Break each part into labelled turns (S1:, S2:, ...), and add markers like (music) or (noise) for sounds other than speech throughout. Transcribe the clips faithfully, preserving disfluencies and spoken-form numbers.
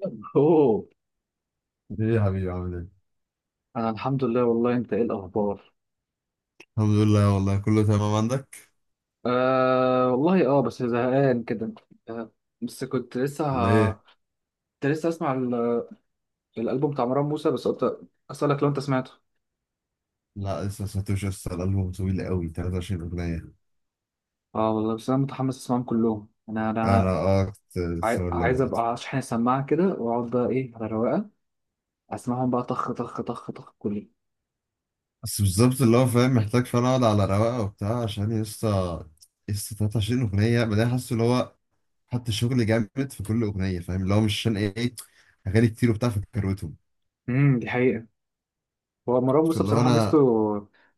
S1: اوه.
S2: ايه يا حبيبي، عامل ايه؟
S1: انا الحمد لله والله، انت ايه الاخبار؟
S2: الحمد لله والله، كله تمام. عندك؟
S1: آه والله، اه بس زهقان كده. آه. بس كنت لسه
S2: ليه؟
S1: ه... كنت لسه اسمع ال- الالبوم بتاع مروان موسى، بس قلت اسالك لو انت سمعته.
S2: لا لسه ساتوش، لسه الألبوم طويل قوي، تلاتة وعشرين أغنية.
S1: اه والله، بس انا متحمس اسمعهم كلهم، انا
S2: أنا
S1: انا
S2: اه كنت لسه
S1: عاي...
S2: أقول لك
S1: عايز
S2: برضه.
S1: ابقى اشحن السماعه كده واقعد بقى ايه على الرواقه، اسمعهم بقى طخ طخ طخ طخ كلهم.
S2: بس بالظبط اللي هو فاهم، محتاج فعلا أقعد على رواقة وبتاع، عشان لسه لسه تلاتة وعشرين أغنية. بعدين حاسس اللي هو حط شغل جامد في كل أغنية، فاهم اللي هو؟ مش عشان إيه، أغاني كتير وبتاع فكروتهم.
S1: امم دي حقيقه. هو مروان موسى
S2: فاللي هو
S1: بصراحه ميزته
S2: أنا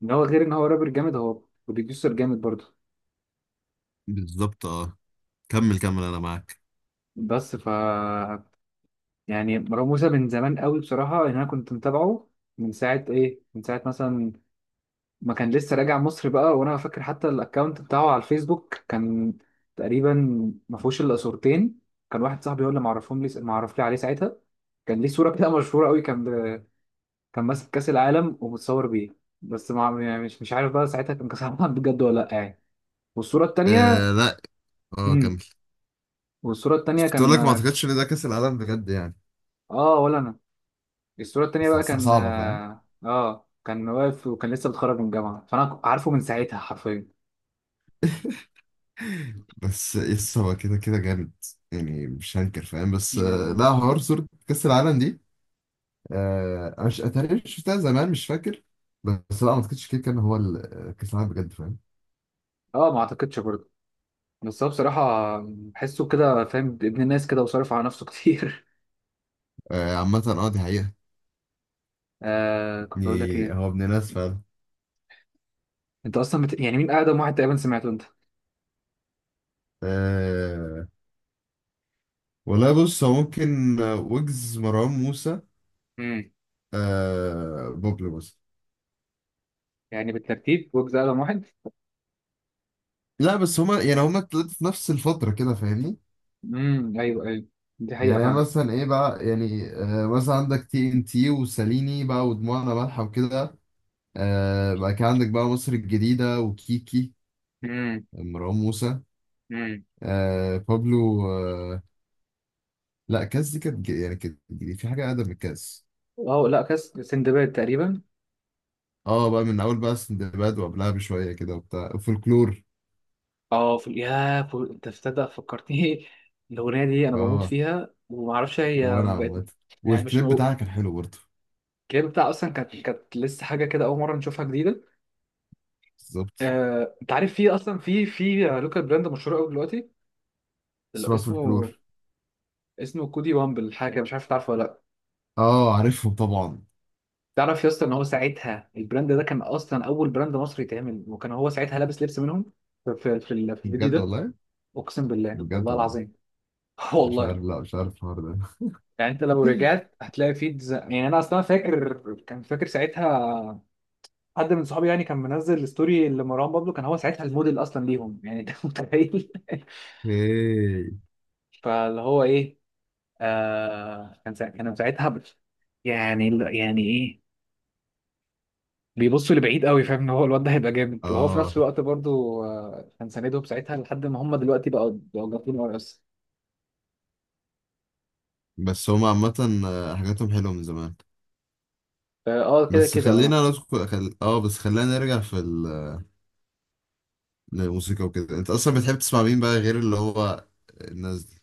S1: ان هو، غير ان هو رابر جامد، هو بروديوسر جامد برضه.
S2: بالظبط. اه، كمل كمل، أنا معاك.
S1: بس ف يعني مروان موسى من زمان قوي بصراحة، يعني أنا كنت متابعه من ساعة إيه من ساعة مثلا، ما كان لسه راجع مصر بقى، وأنا فاكر حتى الأكاونت بتاعه على الفيسبوك كان تقريبا ما فيهوش إلا صورتين. كان واحد صاحبي هو اللي معرفهم لي معرف لي عليه ساعتها. كان ليه صورة كده مشهورة قوي، كان ب... كان ماسك كأس العالم ومتصور بيه. بس مع... يعني مش مش عارف بقى ساعتها، كان كأس العالم بجد ولا لأ يعني. والصورة
S2: آه،
S1: التانية...
S2: لا. اه كمل.
S1: امم والصورة
S2: بس
S1: التانية
S2: كنت أقول
S1: كان...
S2: لك، ما أعتقدش إن ده كأس العالم بجد يعني.
S1: آه، ولا أنا. الصورة التانية
S2: بس
S1: بقى
S2: حاسها
S1: كان،
S2: صعبة، فاهم.
S1: اه آه، كان واقف وكان لسه بيتخرج من الجامعة، فأنا عارفه من ساعتها حرفيا.
S2: بس يس، هو كده كده جامد، يعني مش هنكر، فاهم. بس آه،
S1: مم.
S2: لا، حوار صورة كأس العالم دي. آه، أنا مش أتهيألي، مش شفتها زمان، مش فاكر. بس لا، ما أعتقدش كده كان هو ال- كأس العالم بجد، فاهم.
S1: اه، ما اعتقدش برضه. بس هو بصراحة بحسه كده، فاهم؟ ابن الناس كده وصارف على نفسه كتير. (laughs)
S2: آه، عامة أه دي حقيقة.
S1: آه، كنت اقول لك
S2: يعني هو
S1: ايه.
S2: ابن ناس فعلا.
S1: انت اصلا بت... يعني مين اقدم واحد تقريبا سمعته انت؟
S2: أه والله، بص، هو ممكن آه، ويجز، مروان موسى.
S1: مم.
S2: أه، بوبلو بس.
S1: يعني بالترتيب ويجز اقدم واحد؟
S2: لا، بس هما يعني، هما التلاتة في نفس الفترة كده، فاهمني.
S1: امم ايوه، ايوه، دي حقيقة
S2: يعني أنا
S1: فعلا.
S2: مثلا ايه بقى، يعني آه، مثلا عندك تي ان تي، وساليني بقى، ودموعنا مالحة، وكده. آه بقى، كان عندك بقى مصر الجديدة، وكيكي.
S1: مم.
S2: مروان موسى.
S1: مم.
S2: آه بابلو آه. لا، كاس دي كانت ج- يعني كانت جديد، في حاجة أقدم من كاس.
S1: اه لا، كاس سندباد تقريبا.
S2: اه بقى، من أول بقى سندباد، وقبلها بشوية كده، وبتاع فولكلور.
S1: اه، في يا فل... انت تصدق فكرتني (laughs) الاغنيه دي انا بموت
S2: اه،
S1: فيها وما اعرفش هي
S2: وأنا
S1: بقت.
S2: عامة.
S1: يعني مش
S2: والكليب بتاعها
S1: مو...
S2: كان حلو برضه.
S1: الكليب بتاعها اصلا كانت كانت لسه حاجه كده، اول مره نشوفها جديده.
S2: بالظبط.
S1: آه... انت عارف، في اصلا في في لوكال براند مشهور قوي دلوقتي اللي
S2: اسمها
S1: اسمه...
S2: فولكلور.
S1: اسمه كودي وامبل حاجه، مش عارف تعرفه ولا لا.
S2: اه، عارفهم طبعا.
S1: تعرف يا اسطى، ان هو ساعتها البراند ده كان اصلا اول براند مصري يتعمل، وكان هو ساعتها لابس لبس منهم في في, في ال- في الفيديو
S2: بجد
S1: ده.
S2: والله.
S1: اقسم بالله
S2: بجد
S1: والله
S2: والله.
S1: العظيم. (laughs)
S2: مش عارف،
S1: والله.
S2: لا مش عارف الحوار ده.
S1: يعني انت لو
S2: (laughs)
S1: رجعت هتلاقي فيد ز- يعني انا اصلا فاكر، كان فاكر ساعتها حد من صحابي يعني كان منزل ستوري لمروان بابلو، كان هو ساعتها الموديل اصلا ليهم، يعني انت (laughs) متخيل؟
S2: اوكي.
S1: فاللي هو ايه... آه، كان سا... كان ساعتها ب- يعني ال- يعني ايه، بيبصوا لبعيد قوي، فاهم ان هو الواد ده هيبقى جامد، وهو في نفس
S2: اه،
S1: الوقت برضو آه، كان ساندهم ساعتها لحد ما هم دلوقتي بقوا بقوا جامدين قوي اصلا.
S2: بس هما عامة. آه، حاجاتهم حلوة من زمان.
S1: اه، كده
S2: بس
S1: كده اه.
S2: خلينا ندخل، خل... اه بس خلينا نرجع في ال... للموسيقى وكده. انت اصلا بتحب تسمع مين بقى، غير اللي هو الناس دي؟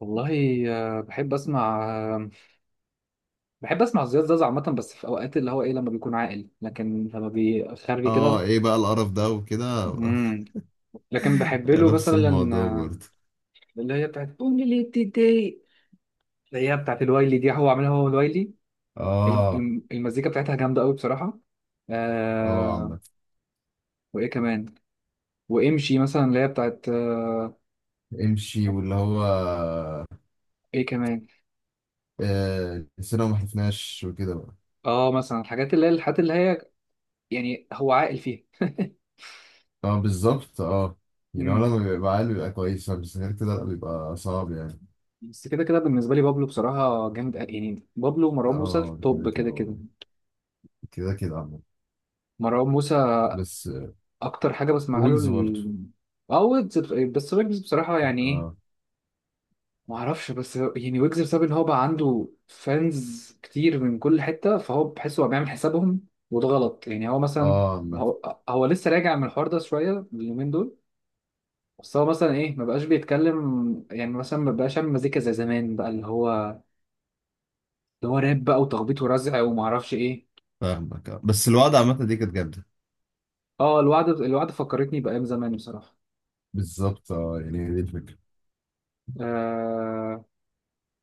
S1: والله آه، بحب اسمع آه، بحب اسمع زياد زازا عامة، بس في اوقات اللي هو ايه لما بيكون عاقل، لكن لما بيخري
S2: اه،
S1: كده.
S2: ايه بقى القرف ده وكده.
S1: امم لكن بحب
S2: (laughs)
S1: له
S2: نفس
S1: مثلا،
S2: الموضوع برضه.
S1: آه، اللي هي بتاعت قولي لي بتضايق، اللي هي بتاعت الوايلي دي، هو عاملها، هو الوايلي. الم-
S2: اه
S1: الم- المزيكا بتاعتها جامدة قوي بصراحة.
S2: اه،
S1: آه،
S2: عامة.
S1: وايه كمان، وامشي مثلا، اللي هي بتاعت آه
S2: امشي، واللي هو.
S1: ايه كمان.
S2: آه، نسينا وما حلفناش وكده بقى.
S1: اه، مثلا الحاجات اللي هي، الحاجات اللي هي يعني هو عاقل فيها. (laughs)
S2: اه، بالظبط اه. يعني هو
S1: امم
S2: لما بيبقى عالي بيبقى كويس، بس غير كده لا، بيبقى صعب يعني.
S1: بس كده كده بالنسبة لي، بابلو بصراحة جامد، يعني بابلو ومروان موسى
S2: اه كده
S1: توب
S2: كده
S1: كده كده.
S2: والله. كده كده عامة.
S1: مروان موسى،
S2: بس.
S1: اكتر حاجه بسمعها له
S2: ويجز برضه.
S1: ال... او ويجز. بس ويجز بصراحه يعني ايه،
S2: اه
S1: ما اعرفش، بس يعني ويجز بسبب ان هو بقى عنده فانز كتير من كل حته، فهو بحسه هو بيعمل حسابهم، وده غلط، يعني هو مثلا،
S2: اه عامة.
S1: هو, هو لسه راجع من الحوار ده شويه اليومين دول. بس هو مثلا ايه، ما بقاش بيتكلم يعني، مثلا ما بقاش يعمل مزيكا زي زمان بقى، اللي هو اللي هو راب بقى وتخبيط ورزع وما اعرفش ايه.
S2: فاهمك آه. بس الوضع عامة، دي كانت جامدة.
S1: اه، الوعد الوعد فكرتني بايام زمان بصراحه.
S2: بالظبط اه، يعني هي دي الفكرة.
S1: آه،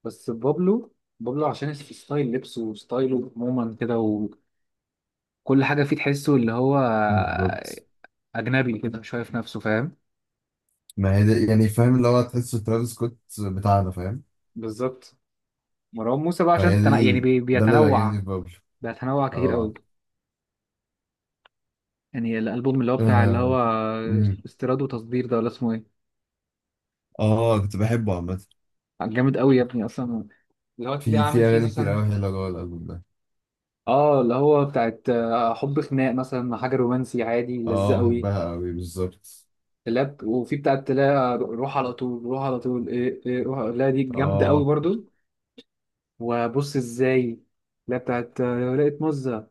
S1: بس بابلو، بابلو عشان ستايل لبسه وستايله عموما كده، وكل حاجة فيه تحسه اللي هو
S2: بالظبط.
S1: أجنبي كده، مش شايف نفسه فاهم؟
S2: ما هي دي يعني، فاهم اللي هو؟ تحس ترافيس سكوت بتاعنا، فاهم.
S1: بالظبط. مروان موسى بقى
S2: فهي
S1: عشان تنا...
S2: دي
S1: يعني
S2: ال...
S1: بي...
S2: ده اللي بيعجبني
S1: بيتنوع،
S2: في بابلو.
S1: بيتنوع كتير قوي.
S2: اه
S1: يعني الألبوم اللي هو بتاع، اللي هو
S2: آه. مم.
S1: استيراد وتصدير ده، ولا اسمه ايه،
S2: اه، كنت بحبه عامة.
S1: جامد قوي يا ابني أصلا، اللي هو تلاقيه
S2: في في
S1: عامل فيه
S2: اغاني كتير
S1: مثلا،
S2: قوي حلوه جوه الالبوم ده.
S1: اه، اللي هو بتاعت آه، حب خناق مثلا، حاجة رومانسي عادي، لذة
S2: اه،
S1: قوي،
S2: بحبها قوي، بالظبط.
S1: لاب، وفي بتاعت لا روح على طول، روح على طول، ايه ايه روح، لا دي جامدة قوي
S2: اه
S1: برضو. وبص ازاي، لا بتاعت لو لقيت مزة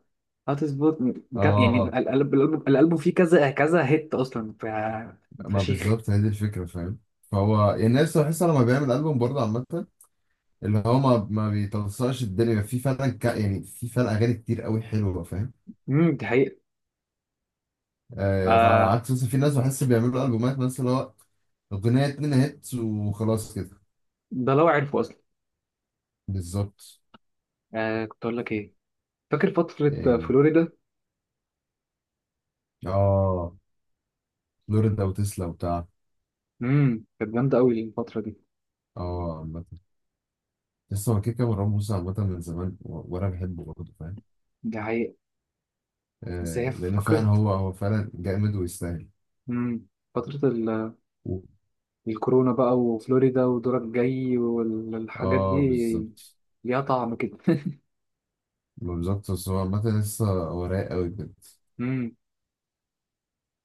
S1: هتظبط. جا- يعني الألب-
S2: اه،
S1: الألبوم الألبوم فيه كذا كذا هيت أصلا، ف-
S2: ما
S1: فشيخ.
S2: بالظبط، هي دي الفكره، فاهم. فهو يعني، الناس بحس لما بيعمل البوم برضه عامه، اللي هو ما ما بيتوسعش الدنيا، في فعلا ك... يعني في فعلا اغاني كتير قوي حلوه، فاهم.
S1: امم دي حقيقة.
S2: آه، فعلى
S1: آه،
S2: عكس مثلا في ناس بحس بيعملوا البومات، مثلا اللي هو اغنيه اتنين هيت، وخلاص كده.
S1: ده لو عرفه أصلا.
S2: بالظبط.
S1: آه، كنت أقول لك إيه. فاكر فترة
S2: ايوه.
S1: فلوريدا؟
S2: اه، لورد او تسلا وبتاع.
S1: امم كانت جامدة أوي الفترة دي.
S2: اه عامه. بس هو كده كده، مروان موسى عامه من زمان. و- وانا بحبه برضه، فاهم.
S1: دي حقيقة. بس هي
S2: آه، لان فعلا
S1: فكرة،
S2: هو هو فعلا جامد، ويستاهل.
S1: امم فترة
S2: و-
S1: الكورونا بقى وفلوريدا ودورك جاي، والحاجات دي
S2: اه بالظبط.
S1: ليها طعم كده. (laughs)
S2: بالظبط، بس هو عامه لسه هو رايق قوي بجد.
S1: امم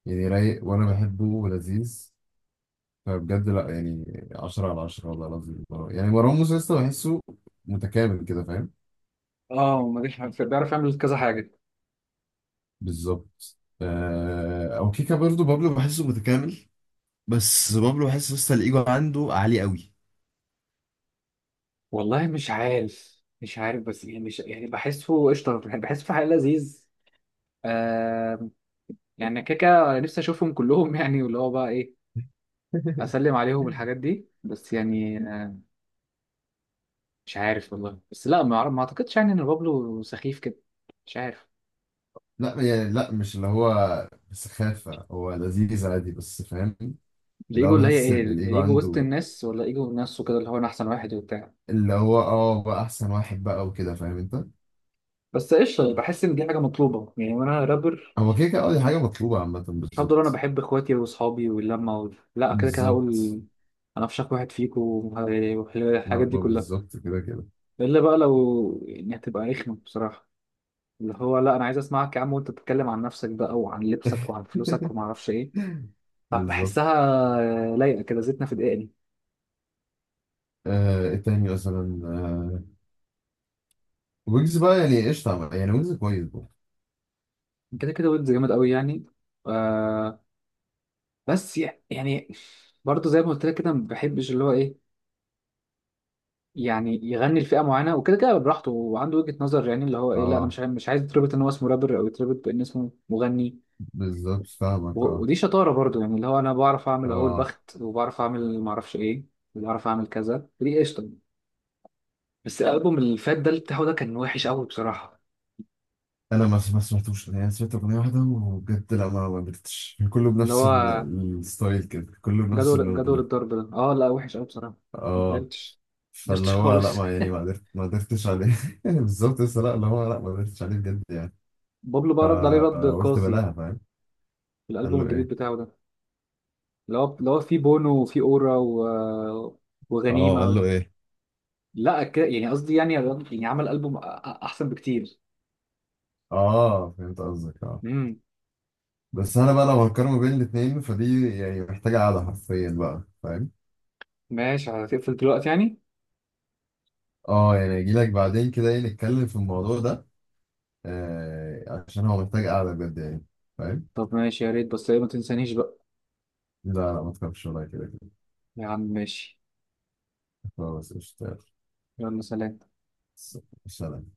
S2: يعني رايق، وانا بحبه ولذيذ. لا بجد، لا يعني، عشرة على عشرة والله العظيم. مروان- يعني مروان موسى لسه بحسه متكامل كده، فاهم.
S1: اه، ما ديش بيعرف يعمل كذا حاجة.
S2: بالظبط. آه، او كيكا برضه، بابلو بحسه متكامل، بس بابلو بحس لسه الايجو عنده عالي قوي.
S1: والله مش عارف مش عارف، بس يعني مش يعني، بحسه قشطة يعني، بحسه في حق لذيذ. آه، يعني كيكة نفسي اشوفهم كلهم (laughs) يعني، واللي هو بقى ايه،
S2: (laughs)
S1: اسلم عليهم الحاجات دي، بس يعني آه، مش عارف والله، بس لا ما أعرف- ما اعتقدش يعني ان بابلو سخيف كده، مش عارف.
S2: لا يعني، لا مش اللي هو سخافة، هو لذيذ عادي بس، فاهم. اللي
S1: الايجو
S2: هو
S1: اللي هي
S2: بحس
S1: ايه،
S2: ال- الإيجو
S1: الايجو وسط
S2: عنده،
S1: الناس، ولا ايجو نفسه كده اللي هو انا احسن واحد وبتاع؟
S2: اللي هو اه بقى أحسن واحد بقى وكده، فاهم أنت.
S1: بس قشطه، بحس ان دي حاجه مطلوبه يعني وانا رابر،
S2: هو كده كده اه، دي حاجة مطلوبة عامة،
S1: مش هفضل انا
S2: بالظبط.
S1: بحب اخواتي واصحابي واللمه و... لا، كده كده هقول
S2: بالظبط.
S1: انا افشخ واحد فيكم
S2: ما
S1: والحاجات دي
S2: ما
S1: كلها.
S2: بالظبط، كده كده.
S1: الا بقى لو يعني هتبقى رخمه بصراحه، اللي هو لا انا عايز اسمعك يا عم، وانت بتتكلم عن نفسك بقى وعن لبسك وعن فلوسك
S2: (laughs)
S1: وما
S2: (laughs)
S1: اعرفش ايه.
S2: بالظبط.
S1: فبحسها لايقه كده، زيتنا في دقيقه.
S2: آه، إيه تاني مثلا آه؟ ويجز بقى يعني قشطة، يعني ويجز كويس برضه.
S1: كده كده ويجز جامد قوي يعني. آه، بس يعني برضه زي ما قلت لك كده، ما بحبش اللي هو ايه يعني يغني لفئه معينه، وكده كده براحته وعنده وجهه نظر، يعني اللي هو ايه، لا انا
S2: اه
S1: مش عايز- مش عايز يتربط ان هو اسمه رابر او يتربط بان اسمه مغني.
S2: بالظبط فاهمك
S1: و-
S2: اه.
S1: ودي شطاره برضو، يعني اللي هو انا بعرف اعمل اهو
S2: اه.
S1: البخت، وبعرف اعمل ما اعرفش ايه، وبعرف اعمل كذا، ودي قشطه. بس الالبوم اللي فات ده اللي بتاعه ده كان وحش قوي بصراحه،
S2: انا ما ما سمعتوش يعني، أنا سمعت اغنيه واحده وبجد لا، ما ما قدرتش، كله
S1: اللي
S2: بنفس ال-
S1: هو
S2: الستايل كده، كله بنفس
S1: جدول
S2: اللون
S1: جدول
S2: ده.
S1: الضرب ده. اه لا، وحش قوي بصراحه، ما
S2: اه،
S1: قدرتش، ما
S2: فاللي
S1: قدرتش
S2: هو لا،
S1: خالص.
S2: ما يعني، ما قدرت ما قدرتش عليه. (laughs) بالظبط لسه، لا، اللي هو لا ما قدرتش عليه بجد يعني.
S1: بابلو بقى رد عليه رد
S2: فقلت
S1: قاسي
S2: بلاها، فاهم.
S1: في
S2: قال
S1: الالبوم
S2: له
S1: الجديد
S2: ايه؟
S1: بتاعه ده، اللي هو اللي هو فيه بونو وفيه اورا و...
S2: اه قال
S1: وغنيمه.
S2: له ايه؟
S1: لا ك... يعني قصدي، يعني يعني عمل ألبوم أ- أ- أحسن بكتير.
S2: اه، فهمت قصدك آه.
S1: امم
S2: بس انا بقى، لو هقارن ما بين الاتنين، فدي يعني محتاجة قعدة حرفيا بقى، فاهم.
S1: ماشي، هتقفل دلوقتي يعني؟
S2: اه، يعني اجي لك بعدين كده، ايه، نتكلم في الموضوع ده. آه، عشان هو محتاج قعدة بجد يعني، فاهم.
S1: طب ماشي، يا ريت بس إيه، ما تنسانيش بقى.
S2: لا لا، ما تخافش، ولا كده كده.
S1: يا عم ماشي.
S2: خلاص، اشتغل.
S1: يلا سلام.
S2: سلام.